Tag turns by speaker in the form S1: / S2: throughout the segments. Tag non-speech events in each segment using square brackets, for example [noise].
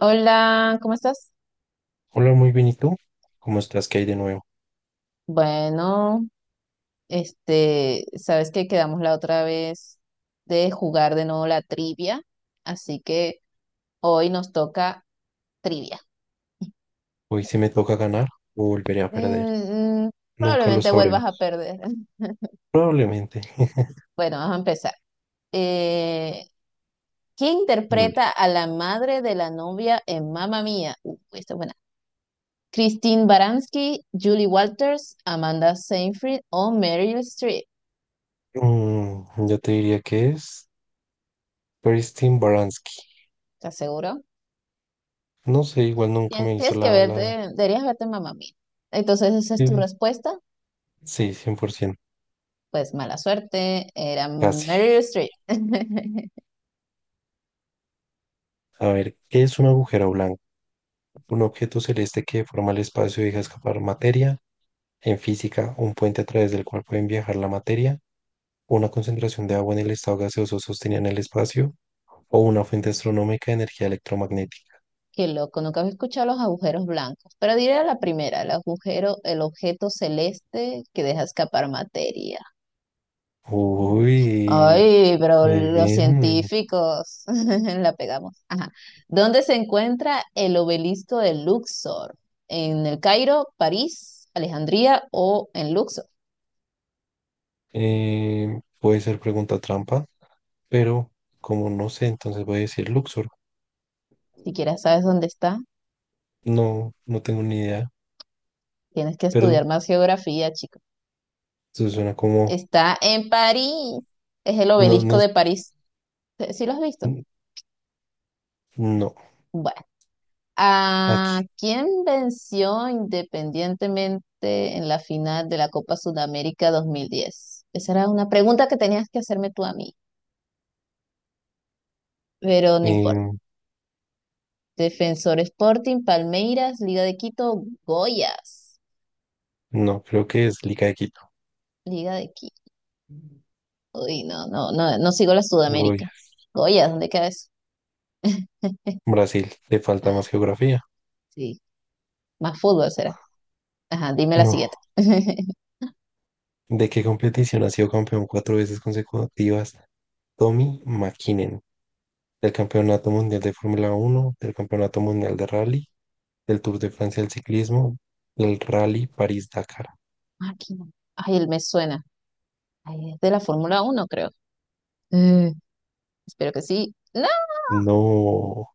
S1: Hola, ¿cómo estás?
S2: Hola, muy bien, ¿y tú? ¿Cómo estás? ¿Qué hay de nuevo?
S1: Bueno, este, sabes que quedamos la otra vez de jugar de nuevo la trivia, así que hoy nos toca trivia.
S2: Hoy sí me toca ganar o volveré a perder.
S1: Mm, mm,
S2: Nunca lo
S1: probablemente vuelvas a
S2: sabremos.
S1: perder. [laughs]
S2: Probablemente.
S1: Bueno, vamos a empezar. Eh, ¿Quién
S2: [laughs]
S1: interpreta
S2: Vale.
S1: a la madre de la novia en Mamma Mía? Esta es buena. ¿Christine Baranski, Julie Walters, Amanda Seyfried o Meryl Streep?
S2: Yo te diría que es Christine Baranski.
S1: ¿Estás seguro?
S2: No sé, igual nunca me hizo
S1: Tienes que
S2: la,
S1: verte,
S2: la...
S1: deberías verte Mamma Mía. Entonces, esa es tu
S2: Sí,
S1: respuesta.
S2: sí, 100%.
S1: Pues mala suerte, era
S2: Casi.
S1: Meryl Streep. [laughs]
S2: A ver, ¿qué es un agujero blanco? Un objeto celeste que forma el espacio y deja escapar materia. En física, un puente a través del cual pueden viajar la materia. Una concentración de agua en el estado gaseoso sostenida en el espacio o una fuente astronómica de energía electromagnética.
S1: Qué loco, nunca había escuchado los agujeros blancos. Pero diré la primera, el agujero, el objeto celeste que deja escapar materia.
S2: Uy,
S1: Ay, pero
S2: muy
S1: los
S2: bien.
S1: científicos [laughs] la pegamos. Ajá. ¿Dónde se encuentra el obelisco de Luxor? ¿En el Cairo, París, Alejandría o en Luxor?
S2: Puede ser pregunta trampa, pero como no sé, entonces voy a decir Luxor.
S1: Si quieres, sabes dónde está.
S2: No, no tengo ni idea,
S1: Tienes que
S2: pero
S1: estudiar más geografía, chico.
S2: eso suena como...
S1: Está en París. Es el
S2: No,
S1: obelisco
S2: no,
S1: de París. ¿Sí sí lo has visto?
S2: n- no,
S1: Bueno, ¿a
S2: aquí.
S1: quién venció independientemente en la final de la Copa Sudamérica 2010? Esa era una pregunta que tenías que hacerme tú a mí, pero no importa.
S2: Em,
S1: Defensor Sporting, Palmeiras, Liga de Quito, Goyas.
S2: no, creo que es Liga de Quito.
S1: Liga de Quito. Uy, no, no, no, no sigo la
S2: Goya.
S1: Sudamérica. Goyas, ¿dónde queda eso? [laughs]
S2: Brasil, le falta
S1: Ah,
S2: más geografía.
S1: sí, más fútbol será. Ajá, dime la
S2: No,
S1: siguiente. [laughs]
S2: ¿de qué competición ha sido campeón cuatro veces consecutivas? Tommy Mäkinen, del Campeonato Mundial de Fórmula Uno, del Campeonato Mundial de Rally, del Tour de Francia del Ciclismo, del Rally París-Dakar.
S1: Máquina. Ay, él me suena. Ay, es de la Fórmula Uno, creo. Eh, Espero que sí. No,
S2: No,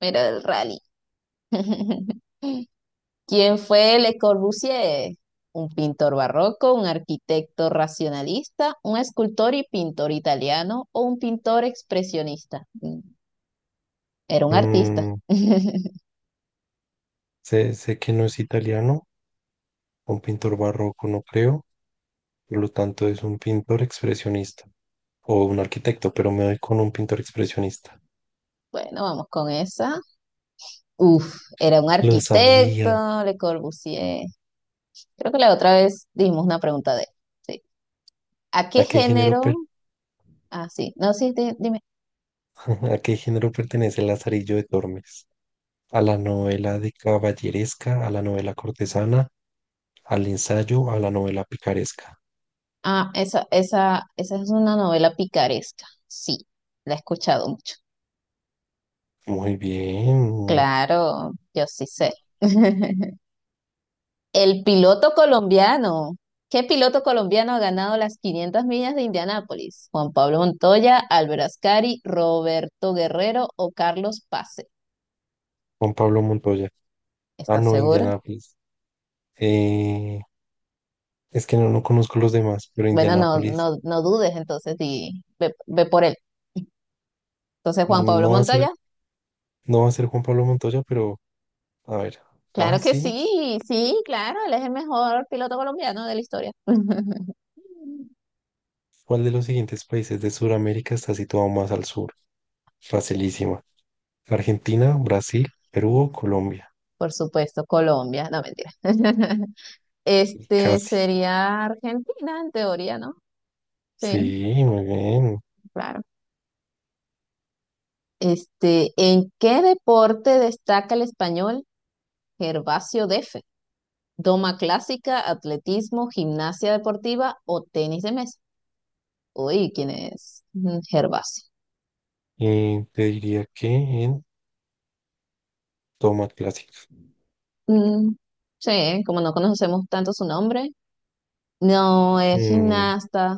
S1: era del rally. [laughs] ¿Quién fue Le Corbusier? Un pintor barroco, un arquitecto racionalista, un escultor y pintor italiano o un pintor expresionista. Era un artista.
S2: mm,
S1: [laughs]
S2: sé que no es italiano, un pintor barroco no creo, por lo tanto es un pintor expresionista o un arquitecto, pero me doy con un pintor expresionista.
S1: Bueno, vamos con esa. Uf, era un
S2: Lo sabía.
S1: arquitecto, Le Corbusier. Creo que la otra vez dimos una pregunta de él. Sí. ¿A qué
S2: ¿A qué género,
S1: género?
S2: per-
S1: Ah, sí. No, sí, dime.
S2: [laughs] ¿A qué género pertenece el Lazarillo de Tormes? ¿A la novela de caballeresca, a la novela cortesana, al ensayo, a la novela picaresca?
S1: Ah, esa es una novela picaresca. Sí, la he escuchado mucho.
S2: Muy bien.
S1: Claro, yo sí sé. [laughs] El piloto colombiano. ¿Qué piloto colombiano ha ganado las 500 millas de Indianápolis? Juan Pablo Montoya, Álvaro Ascari, Roberto Guerrero o Carlos Pase.
S2: Juan Pablo Montoya. Ah,
S1: ¿Estás
S2: no,
S1: seguro?
S2: Indianápolis. Eh, es que no conozco los demás, pero
S1: Bueno, no,
S2: Indianápolis
S1: no, no dudes entonces y ve, ve por él. Entonces, Juan Pablo
S2: no va a ser,
S1: Montoya.
S2: no va a ser Juan Pablo Montoya, pero a ver. Ah,
S1: Claro que
S2: sí.
S1: sí, sí, claro, él es el mejor piloto colombiano de la historia. [laughs]
S2: ¿Cuál de los siguientes países de Sudamérica está situado más al sur? Facilísima. Argentina, Brasil, Perú o Colombia.
S1: Por supuesto, Colombia, no mentira. [laughs]
S2: Y
S1: Este
S2: casi.
S1: sería Argentina, en teoría, ¿no?
S2: Sí,
S1: Sí,
S2: muy bien.
S1: claro. Este, ¿en qué deporte destaca el español Gervasio Defe? ¿Doma clásica, atletismo, gimnasia deportiva o tenis de mesa? Uy, ¿quién es Gervasio?
S2: Y te diría que en toma clásica.
S1: Mm, sí, como no conocemos tanto su nombre, no, es
S2: Mm,
S1: gimnasta.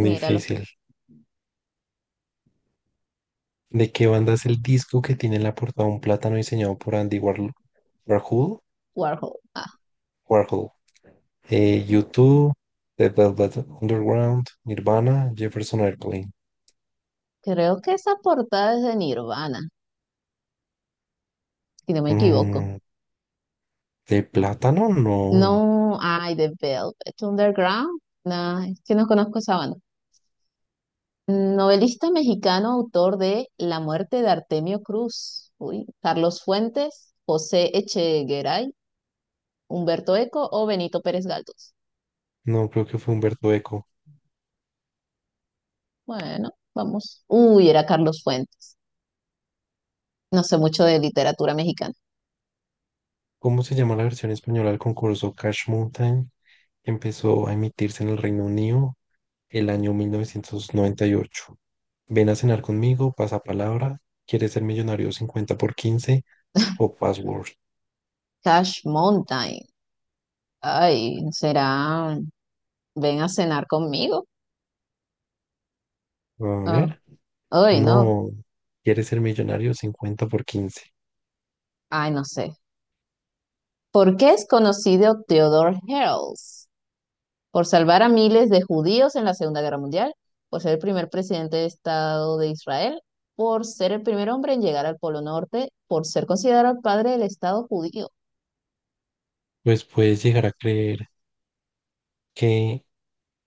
S1: Míralo.
S2: difícil. ¿De qué banda es el disco que tiene en la portada un plátano diseñado por Andy Warhol? Warhol,
S1: Warhol. Ah,
S2: Warhol. U2, The Velvet Underground, Nirvana, Jefferson Airplane.
S1: creo que esa portada es de Nirvana, si no me equivoco.
S2: Mm, ¿De plátano? No,
S1: No, ay, de Velvet Underground. No, es que no conozco esa banda. Novelista mexicano, autor de La muerte de Artemio Cruz. Uy, Carlos Fuentes, José Echegaray, Humberto Eco o Benito Pérez Galdós.
S2: no creo que fue Humberto Eco.
S1: Bueno, vamos. Uy, era Carlos Fuentes. No sé mucho de literatura mexicana.
S2: ¿Cómo se llama la versión española del concurso Cash Mountain, que empezó a emitirse en el Reino Unido el año 1998? Ven a cenar conmigo, pasa palabra, ¿quieres ser millonario?, 50x15 o Password?
S1: Cash Mountain. Ay, será ven a cenar conmigo.
S2: A
S1: Ah,
S2: ver.
S1: ay, no,
S2: No, ¿quieres ser millonario? Cincuenta por 15.
S1: ay, no sé. ¿Por qué es conocido Theodore Herzl? ¿Por salvar a miles de judíos en la Segunda Guerra Mundial? ¿Por ser el primer presidente de Estado de Israel? ¿Por ser el primer hombre en llegar al Polo Norte? ¿Por ser considerado el padre del Estado judío?
S2: Pues puedes llegar a creer que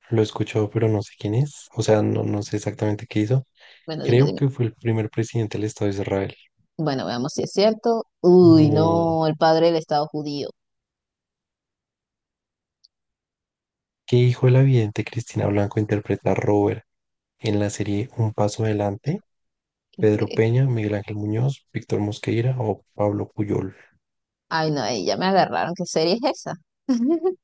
S2: lo escuchó, pero no sé quién es. O sea, no, no sé exactamente qué hizo.
S1: Bueno, dime,
S2: Creo
S1: dime.
S2: que fue el primer presidente del Estado de Israel.
S1: Bueno, veamos si es cierto. Uy,
S2: No,
S1: no, el padre del Estado judío.
S2: ¿qué hijo de la vidente Cristina Blanco interpreta a Robert en la serie Un Paso Adelante?
S1: Qué
S2: Pedro
S1: pereza.
S2: Peña, Miguel Ángel Muñoz, Víctor Mosqueira o Pablo Puyol.
S1: Ay, no, ahí ya me agarraron. ¿Qué serie es esa? [laughs]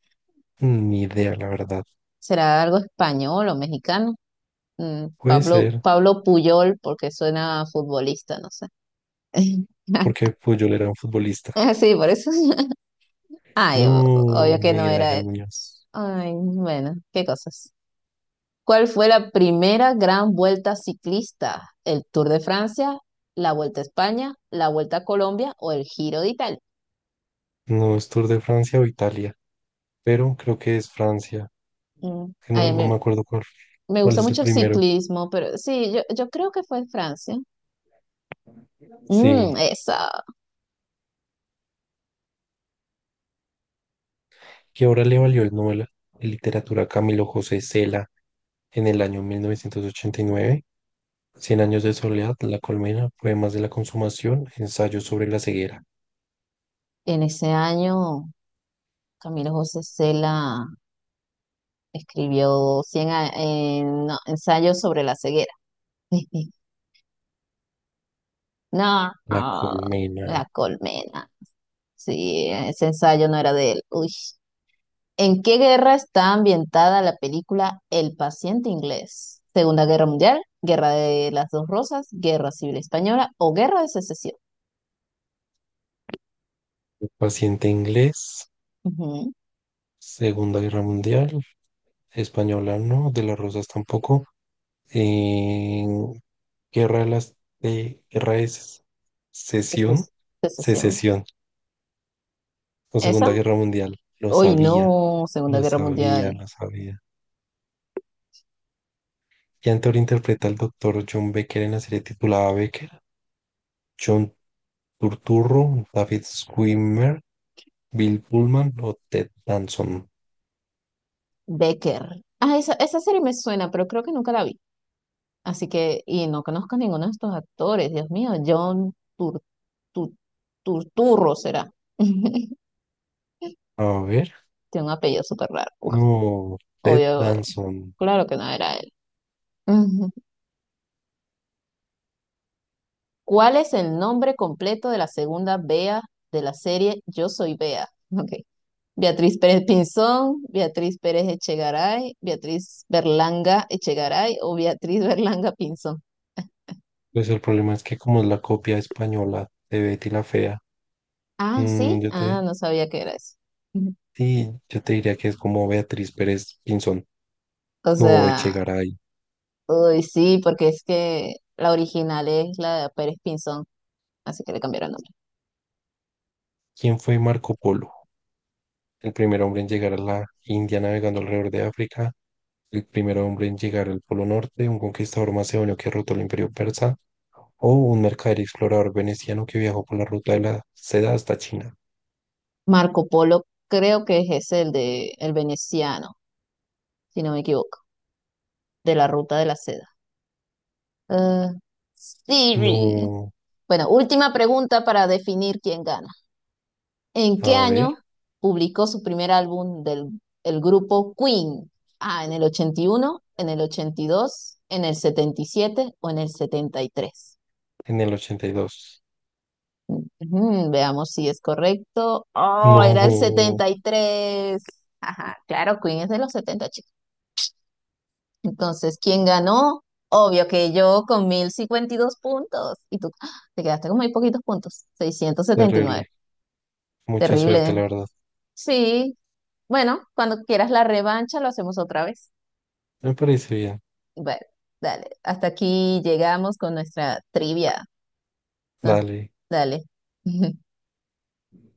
S2: Ni idea, la verdad.
S1: ¿Será algo español o mexicano?
S2: Puede
S1: Pablo,
S2: ser,
S1: Pablo Puyol, porque suena a futbolista, no sé.
S2: porque
S1: [laughs]
S2: Puyol era un futbolista.
S1: Ah, sí, por eso. [laughs] Ay,
S2: No,
S1: obvio que no
S2: Miguel
S1: era
S2: Ángel
S1: él.
S2: Muñoz.
S1: Ay, bueno, qué cosas. ¿Cuál fue la primera gran vuelta ciclista? ¿El Tour de Francia, la Vuelta a España, la Vuelta a Colombia o el Giro de Italia?
S2: No es Tour de Francia o Italia, pero creo que es Francia. Que No,
S1: Ay, a
S2: no
S1: mí
S2: me acuerdo cuál,
S1: me
S2: cuál
S1: gusta
S2: es el
S1: mucho el
S2: primero.
S1: ciclismo, pero sí, yo creo que fue en Francia.
S2: Sí,
S1: Mm, esa.
S2: ¿que ahora le valió el Nobel de Literatura a Camilo José Cela en el año 1989? Cien años de soledad, La colmena, poemas de la consumación, ensayo sobre la ceguera.
S1: En ese año, Camilo José Cela. Escribió no, ensayos sobre la ceguera. [laughs] No,
S2: La
S1: ah,
S2: colmena,
S1: la colmena. Sí, ese ensayo no era de él. Uy. ¿En qué guerra está ambientada la película El paciente inglés? ¿Segunda Guerra Mundial, Guerra de las Dos Rosas, Guerra Civil Española o Guerra de Secesión?
S2: paciente inglés,
S1: Ujú,
S2: Segunda Guerra Mundial, española no, de las rosas tampoco, eh, Guerra de Sesión,
S1: seces- secesión.
S2: Secesión o
S1: ¿Esa?
S2: Segunda Guerra Mundial. Lo
S1: Uy,
S2: sabía,
S1: no, Segunda
S2: lo
S1: Guerra
S2: sabía,
S1: Mundial.
S2: lo sabía. ¿Qué actor interpreta al doctor John Becker en la serie titulada Becker? John Turturro, David Schwimmer, Bill Pullman o Ted Danson.
S1: Becker. Ah, esa serie me suena, pero creo que nunca la vi. Así que, y no conozco ninguno de estos actores, Dios mío, John Tu- Turturro será. [laughs]
S2: A ver,
S1: Tiene un apellido súper raro. Uf,
S2: no, Ted
S1: obvio,
S2: Danson.
S1: claro que no era él. [laughs] Ujú. ¿Cuál es el nombre completo de la segunda Bea de la serie Yo Soy Bea? [laughs] Ok. Beatriz Pérez Pinzón, Beatriz Pérez Echegaray, Beatriz Berlanga Echegaray o Beatriz Berlanga Pinzón.
S2: Pues el problema es que como es la copia española de Betty la Fea,
S1: Ah,
S2: mm,
S1: sí,
S2: yo te,
S1: ah, no sabía que era eso. [laughs]
S2: sí, yo te diría que es como Beatriz Pérez Pinzón.
S1: O
S2: No,
S1: sea.
S2: Echegaray.
S1: Uy, sí, porque es que la original es la de Pérez Pinzón, así que le cambiaron el nombre.
S2: ¿Quién fue Marco Polo? El primer hombre en llegar a la India navegando alrededor de África, el primer hombre en llegar al Polo Norte, un conquistador macedonio que derrotó el Imperio Persa, o un mercader y explorador veneciano que viajó por la ruta de la seda hasta China.
S1: Marco Polo creo que es ese, el de el veneciano, si no me equivoco, de la ruta de la seda. Ah, Siri.
S2: No,
S1: Bueno, última pregunta para definir quién gana. ¿En qué
S2: a ver,
S1: año publicó su primer álbum del el grupo Queen? Ah, ¿en el 81, en el 82, en el 77 o en el 73?
S2: en el 82.
S1: Ujú, veamos si es correcto. Oh,
S2: No,
S1: era el 73. Ajá, claro, Queen es de los setenta, chicos. Entonces, ¿quién ganó? Obvio que yo, con 1.052 puntos. Y tú, ¡ah!, te quedaste con muy poquitos puntos, 679.
S2: terrible. Mucha
S1: Terrible,
S2: suerte,
S1: ¿eh?
S2: la verdad.
S1: Sí, bueno, cuando quieras la revancha lo hacemos otra vez.
S2: Me parece bien.
S1: Bueno, dale. Hasta aquí llegamos con nuestra trivia. Nos-
S2: Dale.
S1: dale. [laughs]